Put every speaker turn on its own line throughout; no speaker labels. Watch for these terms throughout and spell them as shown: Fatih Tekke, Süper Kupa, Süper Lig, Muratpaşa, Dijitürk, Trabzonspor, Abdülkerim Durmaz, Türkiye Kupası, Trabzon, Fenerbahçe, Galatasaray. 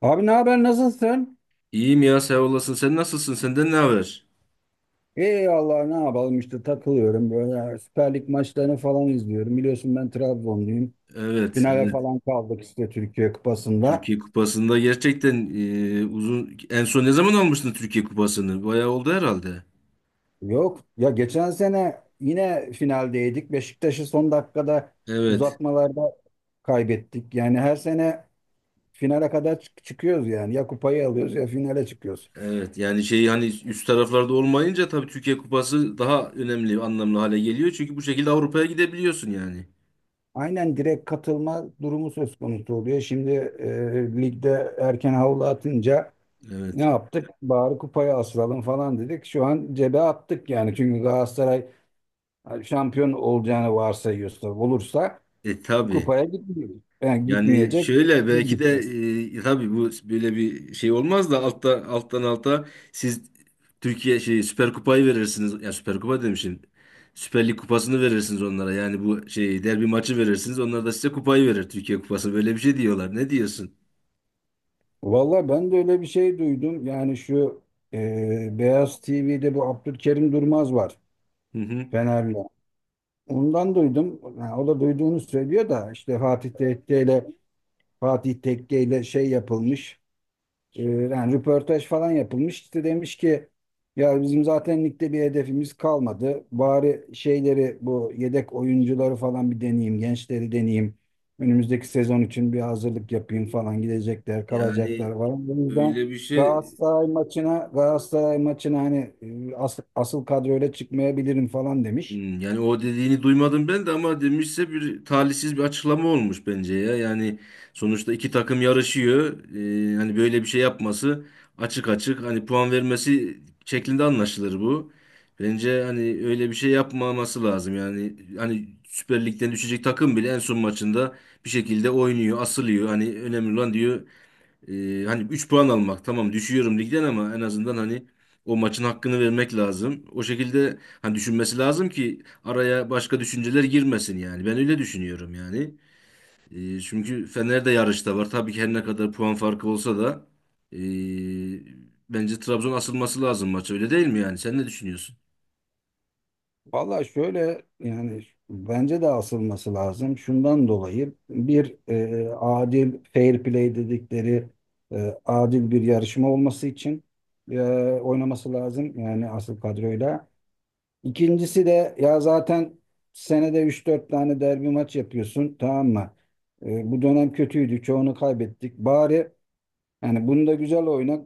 Abi ne haber nasılsın?
İyiyim ya sağ olasın. Sen nasılsın? Senden ne haber?
İyi Allah ne yapalım işte takılıyorum böyle Süper Lig maçlarını falan izliyorum. Biliyorsun ben Trabzonluyum.
Evet,
Finale
evet.
falan kaldık işte Türkiye Kupası'nda.
Türkiye Kupası'nda gerçekten uzun en son ne zaman almıştın Türkiye Kupası'nı? Bayağı oldu herhalde.
Yok ya, geçen sene yine finaldeydik. Beşiktaş'ı son dakikada
Evet.
uzatmalarda kaybettik. Yani her sene finale kadar çıkıyoruz yani. Ya kupayı alıyoruz ya finale çıkıyoruz.
Evet. Yani şey hani üst taraflarda olmayınca tabii Türkiye Kupası daha önemli, anlamlı hale geliyor. Çünkü bu şekilde Avrupa'ya gidebiliyorsun yani.
Aynen, direkt katılma durumu söz konusu oluyor. Şimdi ligde erken havlu atınca ne
Evet.
yaptık? Bari kupaya asılalım falan dedik. Şu an cebe attık yani. Çünkü Galatasaray şampiyon olacağını varsayıyorsa, olursa
E tabii.
kupaya gitmiyor. Yani
Yani
gitmeyecek,
şöyle
biz
belki de
gideceğiz.
tabii bu böyle bir şey olmaz da altta alttan alta siz Türkiye şey Süper Kupayı verirsiniz. Ya Süper Kupa demişim. Süper Lig kupasını verirsiniz onlara. Yani bu şey derbi maçı verirsiniz. Onlar da size kupayı verir. Türkiye Kupası böyle bir şey diyorlar. Ne diyorsun?
Valla ben de öyle bir şey duydum. Yani şu Beyaz TV'de bu Abdülkerim Durmaz var.
Hı hı.
Fenerli. Ondan duydum. Yani o da duyduğunu söylüyor da işte Fatih Tekke ile şey yapılmış. Yani röportaj falan yapılmış. İşte demiş ki, ya bizim zaten ligde bir hedefimiz kalmadı. Bari şeyleri, bu yedek oyuncuları falan bir deneyeyim, gençleri deneyeyim. Önümüzdeki sezon için bir hazırlık yapayım falan, gidecekler,
Yani
kalacaklar falan. O yüzden
öyle bir şey.
Galatasaray maçına hani asıl kadroyla çıkmayabilirim falan demiş.
Yani o dediğini duymadım ben de ama demişse bir talihsiz bir açıklama olmuş bence ya. Yani sonuçta iki takım yarışıyor. Hani böyle bir şey yapması açık açık hani puan vermesi şeklinde anlaşılır bu. Bence hani öyle bir şey yapmaması lazım. Yani hani Süper Lig'den düşecek takım bile en son maçında bir şekilde oynuyor, asılıyor. Hani önemli olan diyor hani 3 puan almak tamam düşüyorum ligden ama en azından hani o maçın hakkını vermek lazım. O şekilde hani düşünmesi lazım ki araya başka düşünceler girmesin yani. Ben öyle düşünüyorum yani. Çünkü Fener de yarışta var. Tabii ki her ne kadar puan farkı olsa da ee, bence Trabzon asılması lazım maça öyle değil mi yani? Sen ne düşünüyorsun?
Valla şöyle, yani bence de asılması lazım. Şundan dolayı bir adil, fair play dedikleri adil bir yarışma olması için e, oynaması lazım. Yani asıl kadroyla. İkincisi de, ya zaten senede 3-4 tane derbi maç yapıyorsun, tamam mı? Bu dönem kötüydü, çoğunu kaybettik. Bari yani bunda güzel oyna.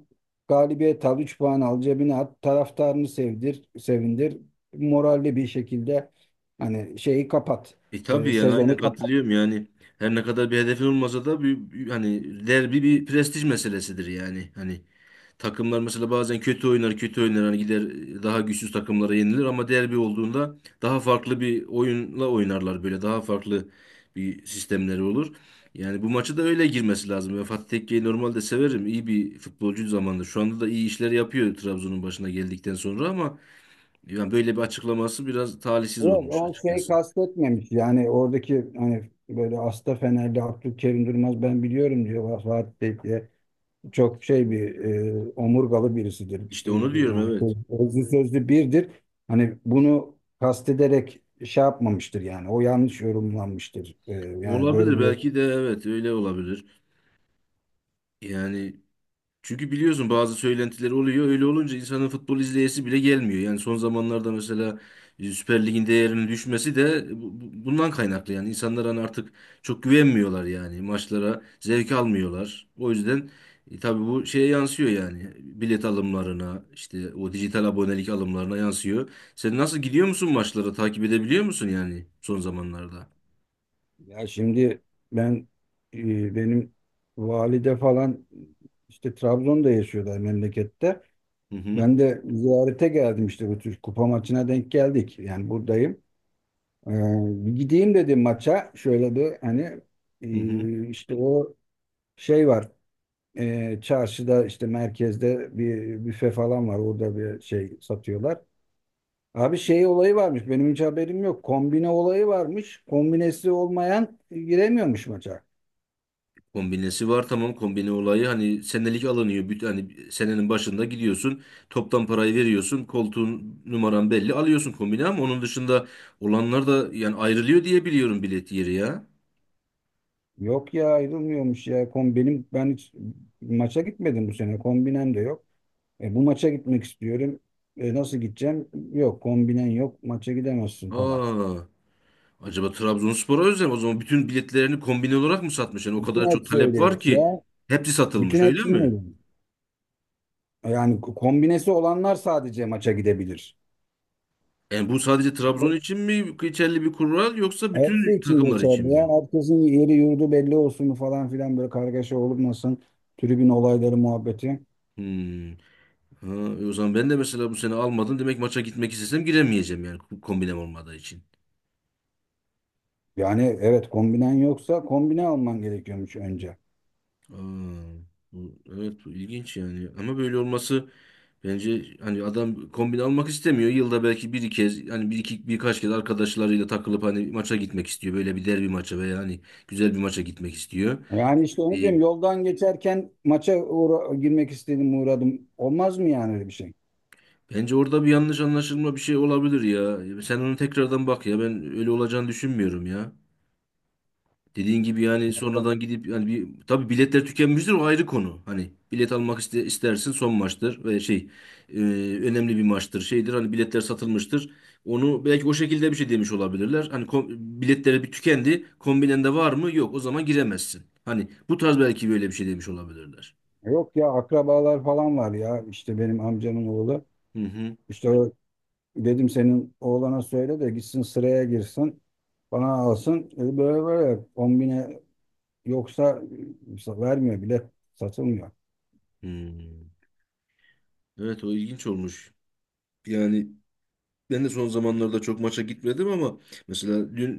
Galibiyet al, 3 puan al, cebine at, taraftarını sevdir, sevindir. Moralli bir şekilde hani şeyi kapat,
E tabii yani aynen
sezonu kapat.
katılıyorum yani. Her ne kadar bir hedefin olmasa da hani derbi bir prestij meselesidir yani. Hani takımlar mesela bazen kötü oynar, kötü oynar. Hani gider daha güçsüz takımlara yenilir ama derbi olduğunda daha farklı bir oyunla oynarlar böyle. Daha farklı bir sistemleri olur. Yani bu maçı da öyle girmesi lazım. Ben Fatih Tekke'yi normalde severim. İyi bir futbolcu zamanında. Şu anda da iyi işler yapıyor Trabzon'un başına geldikten sonra ama yani böyle bir açıklaması biraz talihsiz
Yok,
olmuş
o şey
açıkçası.
kastetmemiş. Yani oradaki, hani böyle Asta, Fenerli Abdülkerim Durmaz, ben biliyorum diyor Fatih Bey diye. Çok şey bir, omurgalı birisidir.
İşte onu diyorum,
Yani
evet.
sözlü sözlü birdir. Hani bunu kastederek şey yapmamıştır yani. O yanlış yorumlanmıştır. Yani böyle
Olabilir,
bir...
belki de evet öyle olabilir. Yani çünkü biliyorsun bazı söylentiler oluyor. Öyle olunca insanın futbol izleyesi bile gelmiyor. Yani son zamanlarda mesela Süper Lig'in değerinin düşmesi de bundan kaynaklı. Yani insanlar hani artık çok güvenmiyorlar yani. Maçlara zevk almıyorlar. O yüzden tabii bu şeye yansıyor yani. Bilet alımlarına, işte o dijital abonelik alımlarına yansıyor. Sen nasıl gidiyor musun maçlara? Takip edebiliyor musun yani son zamanlarda?
Ya şimdi ben benim valide falan işte Trabzon'da yaşıyorlar memlekette.
Hı hı.
Ben de ziyarete geldim, işte bu tür kupa maçına denk geldik. Yani buradayım. Ee, Bir gideyim dedim maça. Şöyle bir hani
Hı hı.
işte o şey var. Çarşıda, işte merkezde bir büfe falan var. Orada bir şey satıyorlar. Abi şey olayı varmış, benim hiç haberim yok. Kombine olayı varmış. Kombinesi olmayan giremiyormuş maça.
Kombinesi var, tamam. Kombine olayı hani senelik alınıyor. Hani senenin başında gidiyorsun toptan parayı veriyorsun koltuğun numaran belli alıyorsun kombine ama onun dışında olanlar da yani ayrılıyor diye biliyorum bilet yeri ya.
Yok ya, ayrılmıyormuş ya. Kom benim Ben hiç maça gitmedim bu sene. Kombinem de yok. Bu maça gitmek istiyorum. Nasıl gideceğim? Yok kombinen yok, maça gidemezsin falan.
Aa, acaba Trabzonspor'a özel mi? O zaman bütün biletlerini kombine olarak mı satmış? Yani o
Bütün
kadar çok
hepsi
talep var
öyleymiş
ki
ya.
hepsi
Bütün
satılmış öyle
hepsi
mi?
öyleymiş. Yani kombinesi olanlar sadece maça gidebilir.
Yani bu sadece Trabzon için mi geçerli bir kural yoksa
Hepsi
bütün
için
takımlar için
geçerli ya.
mi?
Herkesin yeri yurdu belli olsun falan filan, böyle kargaşa olmasın. Tribün olayları muhabbeti.
Hmm. Ha, o zaman ben de mesela bu sene almadım. Demek maça gitmek istesem giremeyeceğim yani kombinem olmadığı için.
Yani evet, kombinen yoksa kombine alman gerekiyormuş önce.
Aa, bu, evet bu ilginç yani. Ama böyle olması bence hani adam kombin almak istemiyor. Yılda belki bir kez hani bir iki birkaç kez arkadaşlarıyla takılıp hani maça gitmek istiyor. Böyle bir derbi maça veya hani güzel bir maça gitmek istiyor.
Yani işte onu
Bir,
diyorum, yoldan geçerken maça girmek istedim, uğradım. Olmaz mı yani öyle bir şey?
bence orada bir yanlış anlaşılma bir şey olabilir ya. Sen onu tekrardan bak ya. Ben öyle olacağını düşünmüyorum ya. Dediğin gibi yani sonradan gidip yani bir tabii biletler tükenmiştir o ayrı konu. Hani bilet almak iste, istersin son maçtır ve şey e, önemli bir maçtır şeydir hani biletler satılmıştır. Onu belki o şekilde bir şey demiş olabilirler. Hani biletleri bir tükendi kombinende var mı yok o zaman giremezsin. Hani bu tarz belki böyle bir şey demiş olabilirler.
Yok ya, akrabalar falan var ya, işte benim amcamın oğlu.
Hı hı.
İşte o, dedim senin oğlana söyle de gitsin sıraya girsin, bana alsın. Dedi, böyle böyle 10 bine yoksa vermiyor bile, satılmıyor.
Hmm. Evet o ilginç olmuş. Yani ben de son zamanlarda çok maça gitmedim ama mesela dün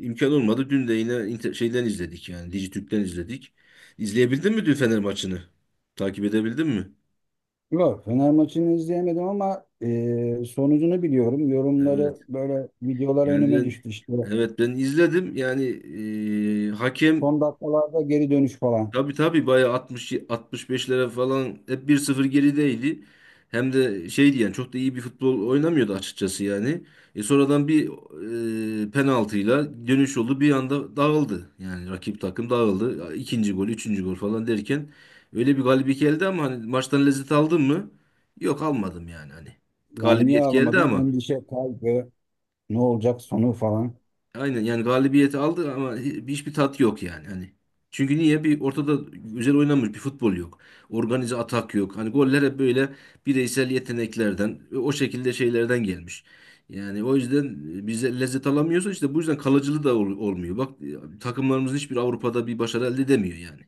imkan olmadı. Dün de yine şeyden izledik yani Dijitürk'ten izledik. İzleyebildin mi dün Fener maçını? Takip edebildin mi?
Yok, Fener maçını izleyemedim ama sonucunu biliyorum.
Evet.
Yorumları, böyle videolar
Yani
önüme
ben
düştü işte.
evet ben izledim. Yani hakem
Son dakikalarda geri dönüş falan.
tabii tabii bayağı 60 65'lere falan hep 1-0 gerideydi. Hem de şeydi yani çok da iyi bir futbol oynamıyordu açıkçası yani. E sonradan bir penaltıyla dönüş oldu. Bir anda dağıldı. Yani rakip takım dağıldı. İkinci gol, üçüncü gol falan derken öyle bir galibiyet geldi ama hani maçtan lezzet aldın mı? Yok almadım yani hani.
Yani niye
Galibiyet geldi
ağlamadın?
ama
Endişe, kaygı, ne olacak sonu falan.
aynen yani galibiyeti aldı ama hiçbir tat yok yani hani. Çünkü niye? Bir ortada güzel oynanmış bir futbol yok. Organize atak yok. Hani goller hep böyle bireysel yeteneklerden, o şekilde şeylerden gelmiş. Yani o yüzden bize lezzet alamıyorsa işte bu yüzden kalıcılığı da olmuyor. Bak takımlarımızın hiçbir Avrupa'da bir başarı elde edemiyor yani.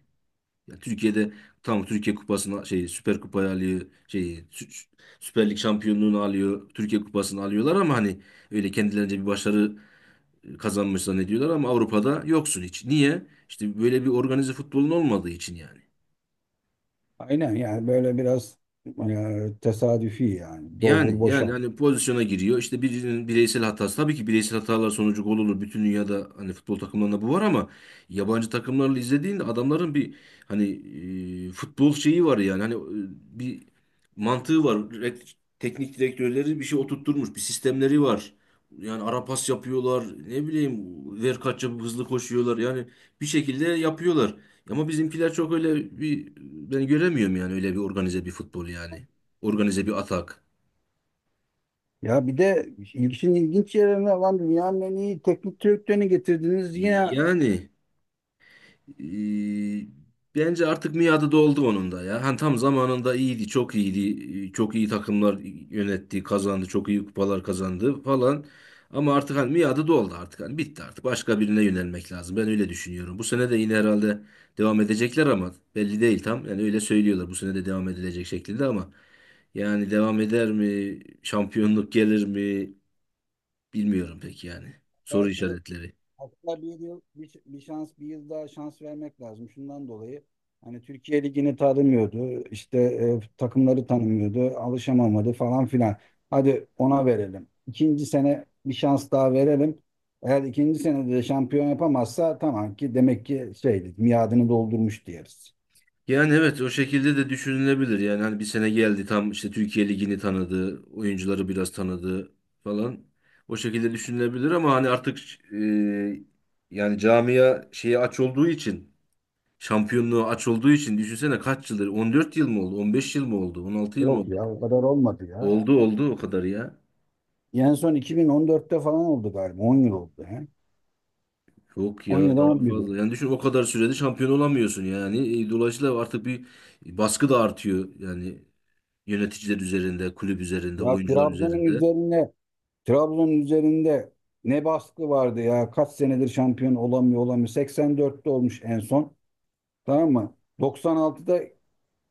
Yani Türkiye'de tam Türkiye Kupası'na şey Süper Kupayı alıyor, şey Sü- Süper Lig şampiyonluğunu alıyor, Türkiye Kupası'nı alıyorlar ama hani öyle kendilerince bir başarı kazanmış zannediyorlar ama Avrupa'da yoksun hiç. Niye? İşte böyle bir organize futbolun olmadığı için yani.
Aynen yani, böyle biraz tesadüfi yani.
Yani
Doldur
yani
boşalt.
hani pozisyona giriyor. İşte birinin bireysel hatası. Tabii ki bireysel hatalar sonucu gol olur. Bütün dünyada hani futbol takımlarında bu var ama yabancı takımlarla izlediğinde adamların bir hani futbol şeyi var yani. Hani bir mantığı var. Teknik direktörleri bir şey oturtturmuş. Bir sistemleri var. Yani ara pas yapıyorlar. Ne bileyim ver kaç yapıp hızlı koşuyorlar. Yani bir şekilde yapıyorlar. Ama bizimkiler çok öyle bir ben göremiyorum yani öyle bir organize bir futbol yani. Organize bir atak.
Ya bir de işin ilginç yerine, lan dünyanın en iyi teknik direktörünü getirdiniz. Yine,
Yani e, bence artık miadı doldu onun da ya. Hani tam zamanında iyiydi, çok iyiydi. Çok iyi takımlar yönetti, kazandı, çok iyi kupalar kazandı falan. Ama artık hani miadı doldu artık. Hani bitti artık. Başka birine yönelmek lazım. Ben öyle düşünüyorum. Bu sene de yine herhalde devam edecekler ama belli değil tam. Yani öyle söylüyorlar. Bu sene de devam edilecek şeklinde ama yani devam eder mi? Şampiyonluk gelir mi? Bilmiyorum pek yani. Soru
belki,
işaretleri.
hatta bir yıl, bir, bir şans, bir yıl daha şans vermek lazım. Şundan dolayı hani Türkiye Ligi'ni tanımıyordu, İşte takımları tanımıyordu, alışamamadı falan filan. Hadi, ona verelim. İkinci sene bir şans daha verelim. Eğer ikinci senede de şampiyon yapamazsa, tamam ki demek ki şeydi, miadını doldurmuş diyeriz.
Yani evet o şekilde de düşünülebilir. Yani hani bir sene geldi tam işte Türkiye Ligi'ni tanıdı, oyuncuları biraz tanıdı falan. O şekilde düşünülebilir ama hani artık e, yani camia şeyi aç olduğu için, şampiyonluğu aç olduğu için düşünsene kaç yıldır? 14 yıl mı oldu? 15 yıl mı oldu? 16 yıl mı
Yok
oldu?
ya, o kadar olmadı ya.
Oldu oldu o kadar ya.
En son 2014'te falan oldu galiba. 10 yıl oldu. He?
Yok ya
10 ya da
daha
11 yıl.
fazla. Yani düşün o kadar sürede şampiyon olamıyorsun yani. Dolayısıyla artık bir baskı da artıyor yani yöneticiler üzerinde, kulüp üzerinde,
Ya
oyuncular üzerinde.
Trabzon'un üzerinde ne baskı vardı ya. Kaç senedir şampiyon olamıyor, olamıyor. 84'te olmuş en son. Tamam mı? 96'da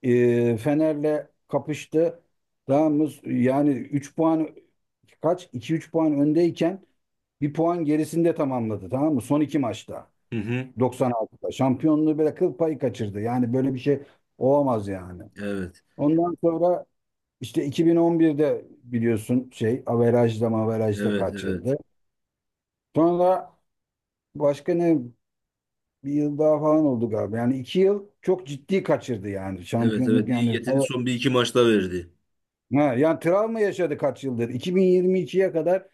Fener'le kapıştı. Tamam mı? Yani 3 puan kaç? 2-3 puan öndeyken 1 puan gerisinde tamamladı. Tamam mı? Son iki maçta.
Hı hı.
96'da. Şampiyonluğu böyle kıl payı kaçırdı. Yani böyle bir şey olamaz yani.
Evet.
Ondan sonra işte 2011'de biliyorsun şey averajda maverajda
Evet, evet.
kaçırdı. Sonra, başka ne, bir yıl daha falan oldu galiba. Yani 2 yıl çok ciddi kaçırdı yani,
Evet, evet.
şampiyonluk
İyi
yani.
getirdi. Son bir iki maçta verdi.
Ha, yani travma yaşadı kaç yıldır. 2022'ye kadar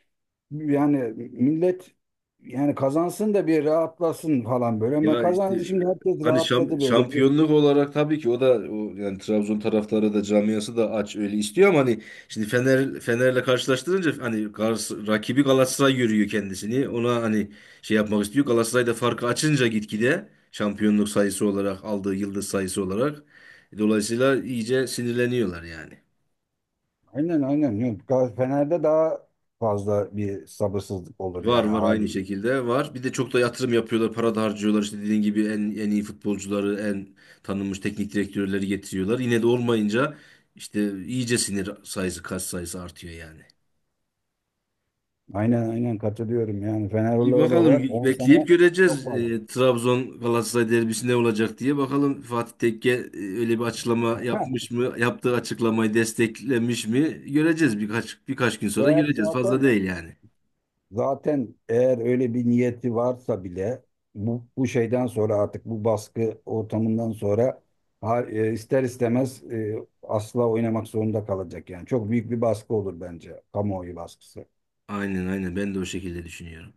yani millet yani, kazansın da bir rahatlasın falan böyle. Ama
Ya işte
kazandı, şimdi herkes
hani
rahatladı böyle.
şampiyonluk olarak tabii ki o da o yani Trabzon taraftarı da camiası da aç öyle istiyor ama hani şimdi Fener'le karşılaştırınca hani rakibi Galatasaray görüyor kendisini. Ona hani şey yapmak istiyor. Galatasaray da farkı açınca gitgide şampiyonluk sayısı olarak aldığı yıldız sayısı olarak dolayısıyla iyice sinirleniyorlar yani.
Aynen aynen. Yok, Fener'de daha fazla bir sabırsızlık olur
Var
yani
var aynı
haliyle.
şekilde var. Bir de çok da yatırım yapıyorlar, para da harcıyorlar. İşte dediğin gibi en iyi futbolcuları, en tanınmış teknik direktörleri getiriyorlar. Yine de olmayınca işte iyice sinir sayısı, kas sayısı artıyor yani.
Aynen aynen katılıyorum, yani Fenerli
İyi bakalım
olarak 10 sene
bekleyip
çok
göreceğiz.
fazla.
Trabzon Galatasaray derbisi ne olacak diye. Bakalım Fatih Tekke öyle bir açıklama yapmış mı? Yaptığı açıklamayı desteklemiş mi? Göreceğiz birkaç gün sonra
Eğer
göreceğiz. Fazla
zaten
değil yani.
Zaten eğer öyle bir niyeti varsa bile, bu, bu şeyden sonra, artık bu baskı ortamından sonra ister istemez asla oynamak zorunda kalacak yani. Çok büyük bir baskı olur bence, kamuoyu baskısı.
Aynen aynen ben de o şekilde düşünüyorum.